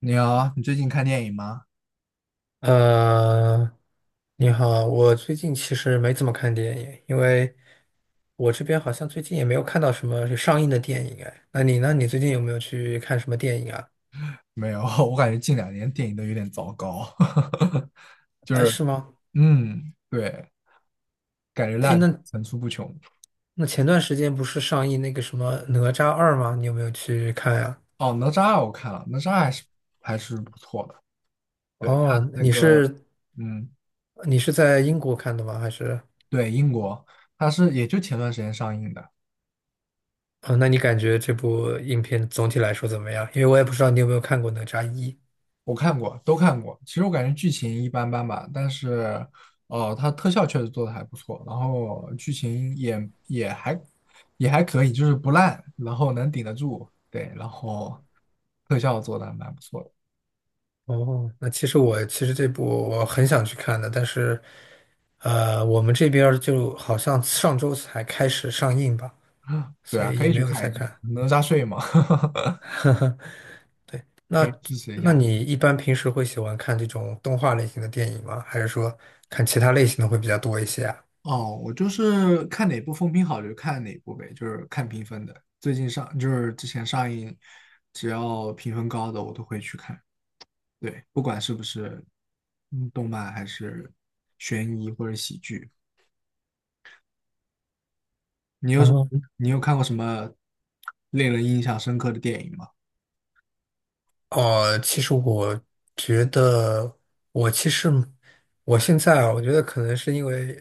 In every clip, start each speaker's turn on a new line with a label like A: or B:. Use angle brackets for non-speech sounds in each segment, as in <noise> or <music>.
A: 你好，你最近看电影吗？
B: 呃，你好，我最近其实没怎么看电影，因为我这边好像最近也没有看到什么上映的电影哎。那你呢？你最近有没有去看什么电影啊？
A: 没有，<laughs> 我感觉近两年电影都有点糟糕，<laughs> 就
B: 哎，
A: 是，
B: 是吗？
A: 对，感觉
B: 哎，
A: 烂片
B: 那
A: 层出不穷。
B: 那前段时间不是上映那个什么《哪吒二》吗？你有没有去看呀？
A: 哦，哪吒我看了，哪吒还是不错的。对，他
B: 哦，
A: 那
B: 你
A: 个，
B: 是
A: 嗯，
B: 你是在英国看的吗？还是？
A: 对，英国，他是也就前段时间上映的。
B: 哦，那你感觉这部影片总体来说怎么样？因为我也不知道你有没有看过《哪吒一》。
A: 我看过，都看过。其实我感觉剧情一般般吧，但是，它特效确实做的还不错，然后剧情也还可以，就是不烂，然后能顶得住。对，然后特效做的还蛮不错的。
B: 哦，其实我这部我很想去看的，但是，我们这边儿就好像上周才开始上映吧，
A: <laughs> <sucks teeth> 对
B: 所
A: 啊，
B: 以
A: 可
B: 也
A: 以
B: 没
A: 去
B: 有
A: 看
B: 再
A: 一下
B: 看。
A: 《哪吒睡》嘛，
B: <laughs>
A: <laughs> 可以
B: 那
A: 支持一
B: 那
A: 下。
B: 你一般平时会喜欢看这种动画类型的电影吗？还是说看其他类型的会比较多一些啊？
A: 哦，我就是看哪部风评好就看哪部呗，就是看评分的。最近上就是之前上映，只要评分高的我都会去看。对，不管是不是动漫还是悬疑或者喜剧，你有什
B: 哦。
A: 你有看过什么令人印象深刻的电影吗？
B: 哦，觉得，其实我现在啊，我觉得可能是因为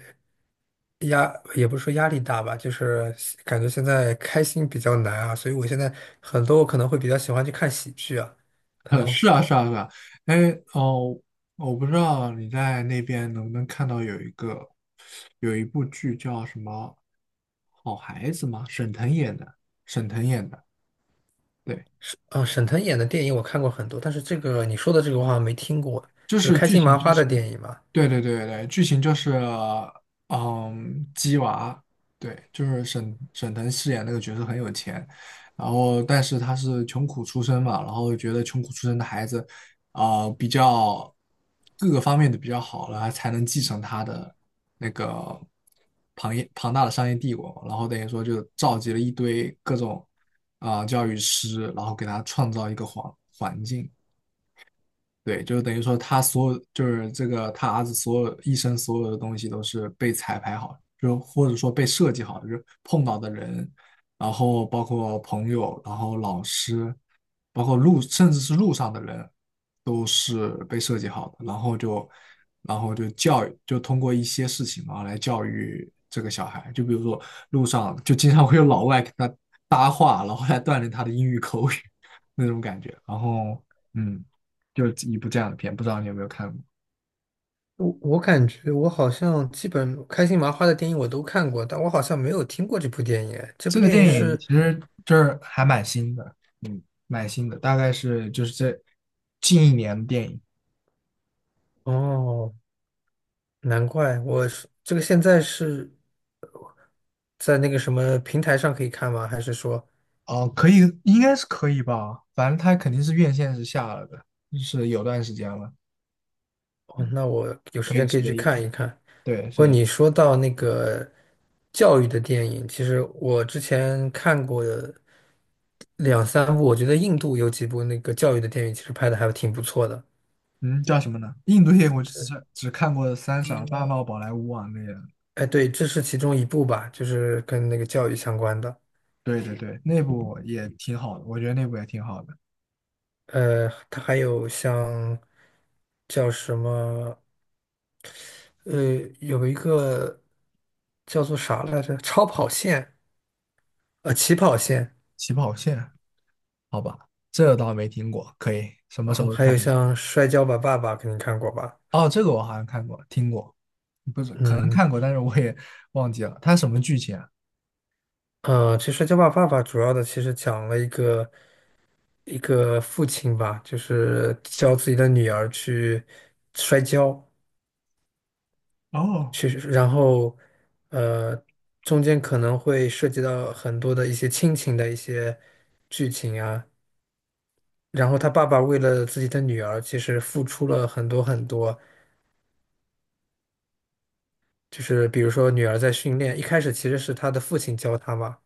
B: 压，也不是说压力大吧，就是感觉现在开心比较难啊，所以我现在很多我可能会比较喜欢去看喜剧啊，
A: <laughs>
B: 可能
A: 是啊,是啊,是啊。哎，哦，我不知道你在那边能不能看到有一部剧叫什么《好孩子》吗？沈腾演的，对，
B: 是嗯，沈腾演的电影我看过很多，但是这个你说的这个我好像没听过，
A: 就
B: 就是
A: 是
B: 开
A: 剧
B: 心
A: 情
B: 麻
A: 就
B: 花
A: 是。
B: 的电影嘛。
A: 对，剧情就是，鸡娃，对，就是沈腾饰演那个角色很有钱，然后但是他是穷苦出身嘛，然后觉得穷苦出身的孩子，比较各个方面的比较好了，才能继承他的那个庞大的商业帝国，然后等于说就召集了一堆各种教育师，然后给他创造一个环境，对，就等于说他所有，就是这个他儿子所有一生所有的东西都是被彩排好，就或者说被设计好，就是碰到的人，然后包括朋友，然后老师，包括路，甚至是路上的人，都是被设计好的，然后就教育，就通过一些事情啊来教育这个小孩，就比如说路上就经常会有老外跟他搭话，然后来锻炼他的英语口语 <laughs> 那种感觉，嗯。就是一部这样的片，不知道你有没有看过？
B: 我感觉我好像基本开心麻花的电影我都看过，但我好像没有听过这部电影。这
A: 这
B: 部
A: 个
B: 电影
A: 电影
B: 是
A: 其实就是还蛮新的，嗯，蛮新的，大概是就是这近一年的电影
B: 哦，难怪我是这个现在是在那个什么平台上可以看吗？还是说，
A: 哦，可以，应该是可以吧，反正它肯定是院线是下了的，就是有段时间了，
B: 哦，那我有时
A: 可以
B: 间可
A: 值
B: 以
A: 得
B: 去
A: 一
B: 看
A: 看。
B: 一看。
A: 对，
B: 不过
A: 所以，
B: 你说到那个教育的电影，其实我之前看过的两三部，我觉得印度有几部那个教育的电影，其实拍的还挺不错的。
A: 嗯，叫什么呢？印度电影我只看过《三傻大闹宝莱坞》啊那个，
B: 哎，对，这是其中一部吧，就是跟那个教育相关的。
A: 对，那部也挺好的，我觉得那部也挺好的，
B: 呃，它还有像叫什么？呃，有一个叫做啥来着？超跑线，呃，起跑线，
A: 《起跑线》好吧，这倒没听过，可以什么
B: 啊，
A: 时候
B: 还
A: 看
B: 有
A: 一下？
B: 像《摔跤吧，爸爸》，肯定看过吧？
A: 哦，这个我好像看过，听过，不是，可能
B: 嗯，
A: 看过，但是我也忘记了，它什么剧情啊？
B: 呃，其实《摔跤吧，爸爸》主要的其实讲了一个父亲吧，就是教自己的女儿去摔跤，
A: 哦，
B: 去，然后呃，中间可能会涉及到很多的一些亲情的一些剧情啊。然后他爸爸为了自己的女儿，其实付出了很多很多，就是比如说女儿在训练，一开始其实是她的父亲教她嘛，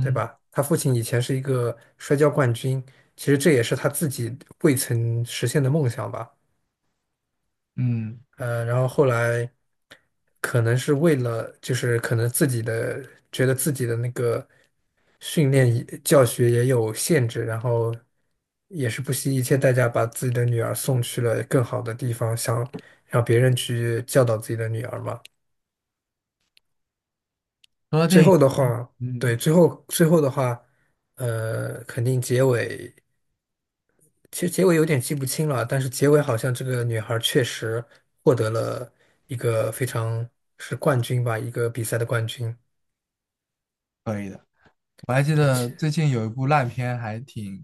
B: 对吧？她父亲以前是一个摔跤冠军，其实这也是她自己未曾实现的梦想吧。
A: 嗯，
B: 呃，然后后来可能是为了，就是可能自己的觉得自己的那个训练也教学也有限制，然后也是不惜一切代价把自己的女儿送去了更好的地方，想让别人去教导自己的女儿嘛。
A: 说到
B: 最
A: 电影
B: 后的
A: 啊，
B: 话，
A: 嗯，
B: 对，最后的话，呃，肯定结尾，其实结尾有点记不清了，但是结尾好像这个女孩儿确实获得了一个非常是冠军吧，一个比赛的冠军。
A: 可以的。我还记
B: 对，
A: 得
B: 其
A: 最近有一部烂片，还挺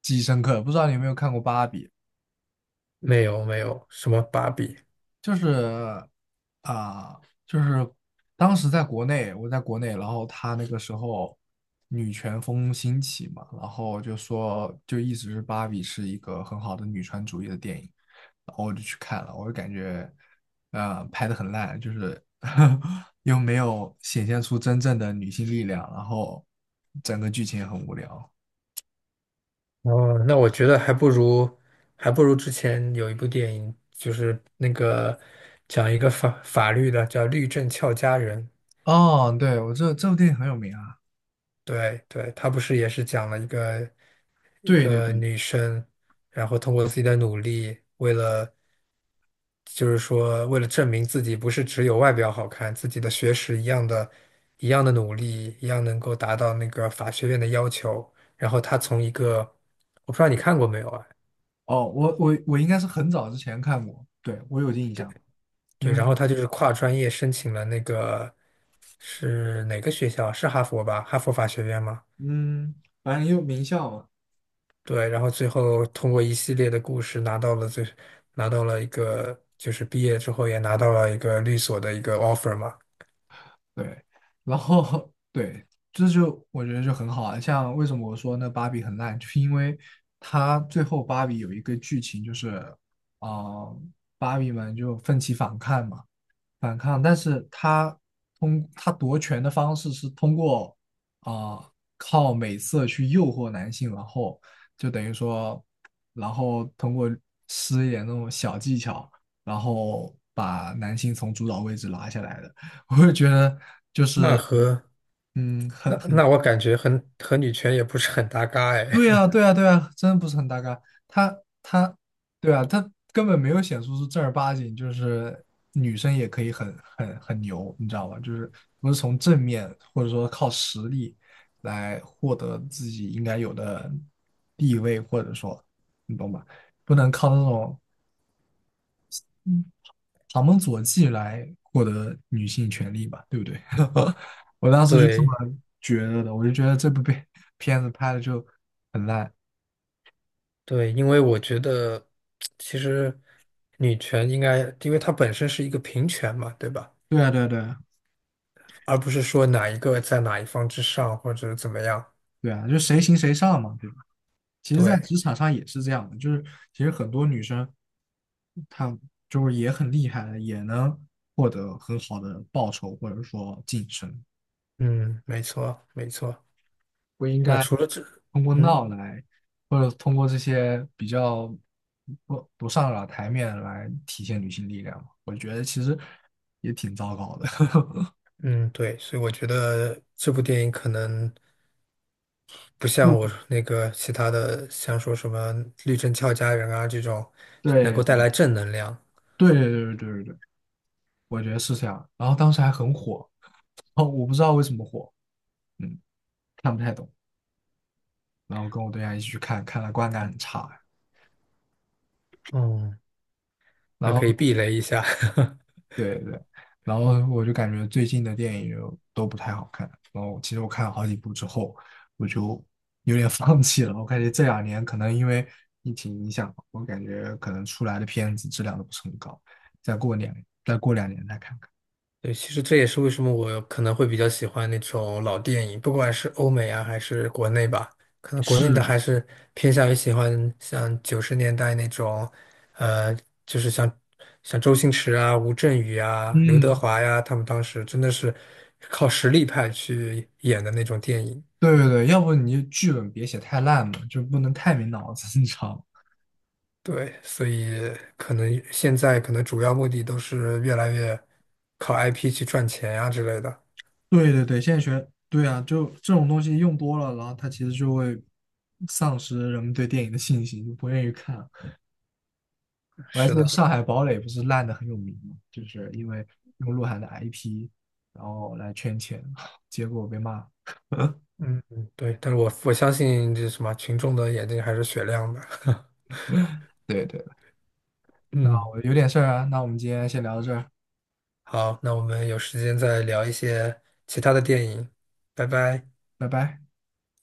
A: 记忆深刻，不知道你有没有看过《芭比》？
B: 没有没有什么芭比。
A: 就是啊、就是当时在国内，我在国内，然后他那个时候女权风兴起嘛，然后就说就一直是芭比是一个很好的女权主义的电影，然后我就去看了，我就感觉拍的很烂，就是 <laughs> 又没有显现出真正的女性力量，然后整个剧情也很无聊。
B: 哦，那我觉得还不如之前有一部电影，就是那个讲一个法法律的，叫《律政俏佳人》。
A: 哦，对，我这部电影很有名啊。
B: 对对，他不是也是讲了一个一
A: 对对
B: 个
A: 对。
B: 女生，然后通过自己的努力，为了就是说为了证明自己不是只有外表好看，自己的学识一样的，一样的努力，一样能够达到那个法学院的要求。然后她从一个我不知道你看过没有啊？
A: 哦，我应该是很早之前看过，对，我有印象，因
B: 对，
A: 为
B: 然后她就是跨专业申请了那个是哪个学校？是哈佛吧？哈佛法学院吗？
A: 嗯，反正也有名校嘛，
B: 对，然后最后通过一系列的故事拿到了最，拿到了一个就是毕业之后也拿到了一个律所的一个 offer 嘛。
A: 对，然后 <laughs> 对，这就我觉得就很好啊。像为什么我说那芭比很烂，就是因为它最后芭比有一个剧情就是，啊、芭比们就奋起反抗嘛，反抗，但是他夺权的方式是通过啊、呃靠美色去诱惑男性，然后就等于说，然后通过施一点那种小技巧，然后把男性从主导位置拉下来的。<laughs> 我就觉得就
B: 那
A: 是
B: 和那
A: 很
B: 那我感觉和女权也不是很搭嘎哎。
A: 对啊，
B: <laughs>
A: 对啊，对啊，真的不是很大嘎。他他，对啊，他根本没有显示出正儿八经，就是女生也可以很牛，你知道吧？就是不是从正面或者说靠实力来获得自己应该有的地位，或者说你懂吧？不能靠那种嗯旁门左技来获得女性权利吧，对不对？<laughs> 我当时就这
B: 对
A: 么觉得的，我就觉得这部片 <laughs> 片子拍的就很烂。
B: 对，因为我觉得其实女权应该，因为它本身是一个平权嘛，对吧？
A: 对啊，对啊，对啊
B: 而不是说哪一个在哪一方之上或者怎么样。
A: 对啊，就谁行谁上嘛，对吧？其实，在
B: 对，
A: 职场上也是这样的，就是其实很多女生，她就是也很厉害的，也能获得很好的报酬或者说晋升，
B: 嗯，没错没错。
A: 不应
B: 那
A: 该
B: 除了这，
A: 通过
B: 嗯。
A: 闹来，或者通过这些比较不上了台面来体现女性力量嘛。我觉得其实也挺糟糕的。<laughs>
B: 嗯，对，所以我觉得这部电影可能不像我那个其他的，像说什么《绿灯俏佳人》啊这种，能够带
A: 对
B: 来正能量。
A: 对对对，我觉得是这样。然后当时还很火，<laughs> 哦，我不知道为什么火，嗯，看不太懂。然后跟我对象一起去看，看了，观感很差。
B: 嗯，
A: 然
B: 那可以
A: 后
B: 避雷一下。<laughs>
A: 对对，然后我就感觉最近的电影就都不太好看。然后其实我看了好几部之后，我就 <laughs> 有点放弃了。我感觉这两年可能因为疫情影响，我感觉可能出来的片子质量都不是很高。再过两再过两年再看看。
B: 对，其实这也是为什么我可能会比较喜欢那种老电影，不管是欧美啊还是国内吧，可能国内
A: 是
B: 的
A: 的，
B: 还是偏向于喜欢像90年代那种，呃，就是像像周星驰啊、吴镇宇啊、刘德
A: 嗯，
B: 华呀，他们当时真的是靠实力派去演的那种电影。
A: 对，要不你就剧本别写太烂了，就不能太没脑子，你知道吗？
B: 对，所以可能现在可能主要目的都是越来越靠 IP 去赚钱呀、之类的。
A: 对，现在学，对啊，就这种东西用多了，然后它其实就会丧失人们对电影的信心，就不愿意看了我还记
B: 是
A: 得
B: 的。
A: 《上海堡垒》不是烂的很有名嘛，就是因为用鹿晗的 IP，然后来圈钱，<laughs> 结果被骂。<laughs>
B: 嗯，嗯对，但是我相信这什么群众的眼睛还是雪亮的。<laughs>
A: 对，那
B: 嗯，
A: 我有点事儿啊，那我们今天先聊到这儿，
B: 好，那我们有时间再聊一些其他的电影，拜拜。
A: 拜拜。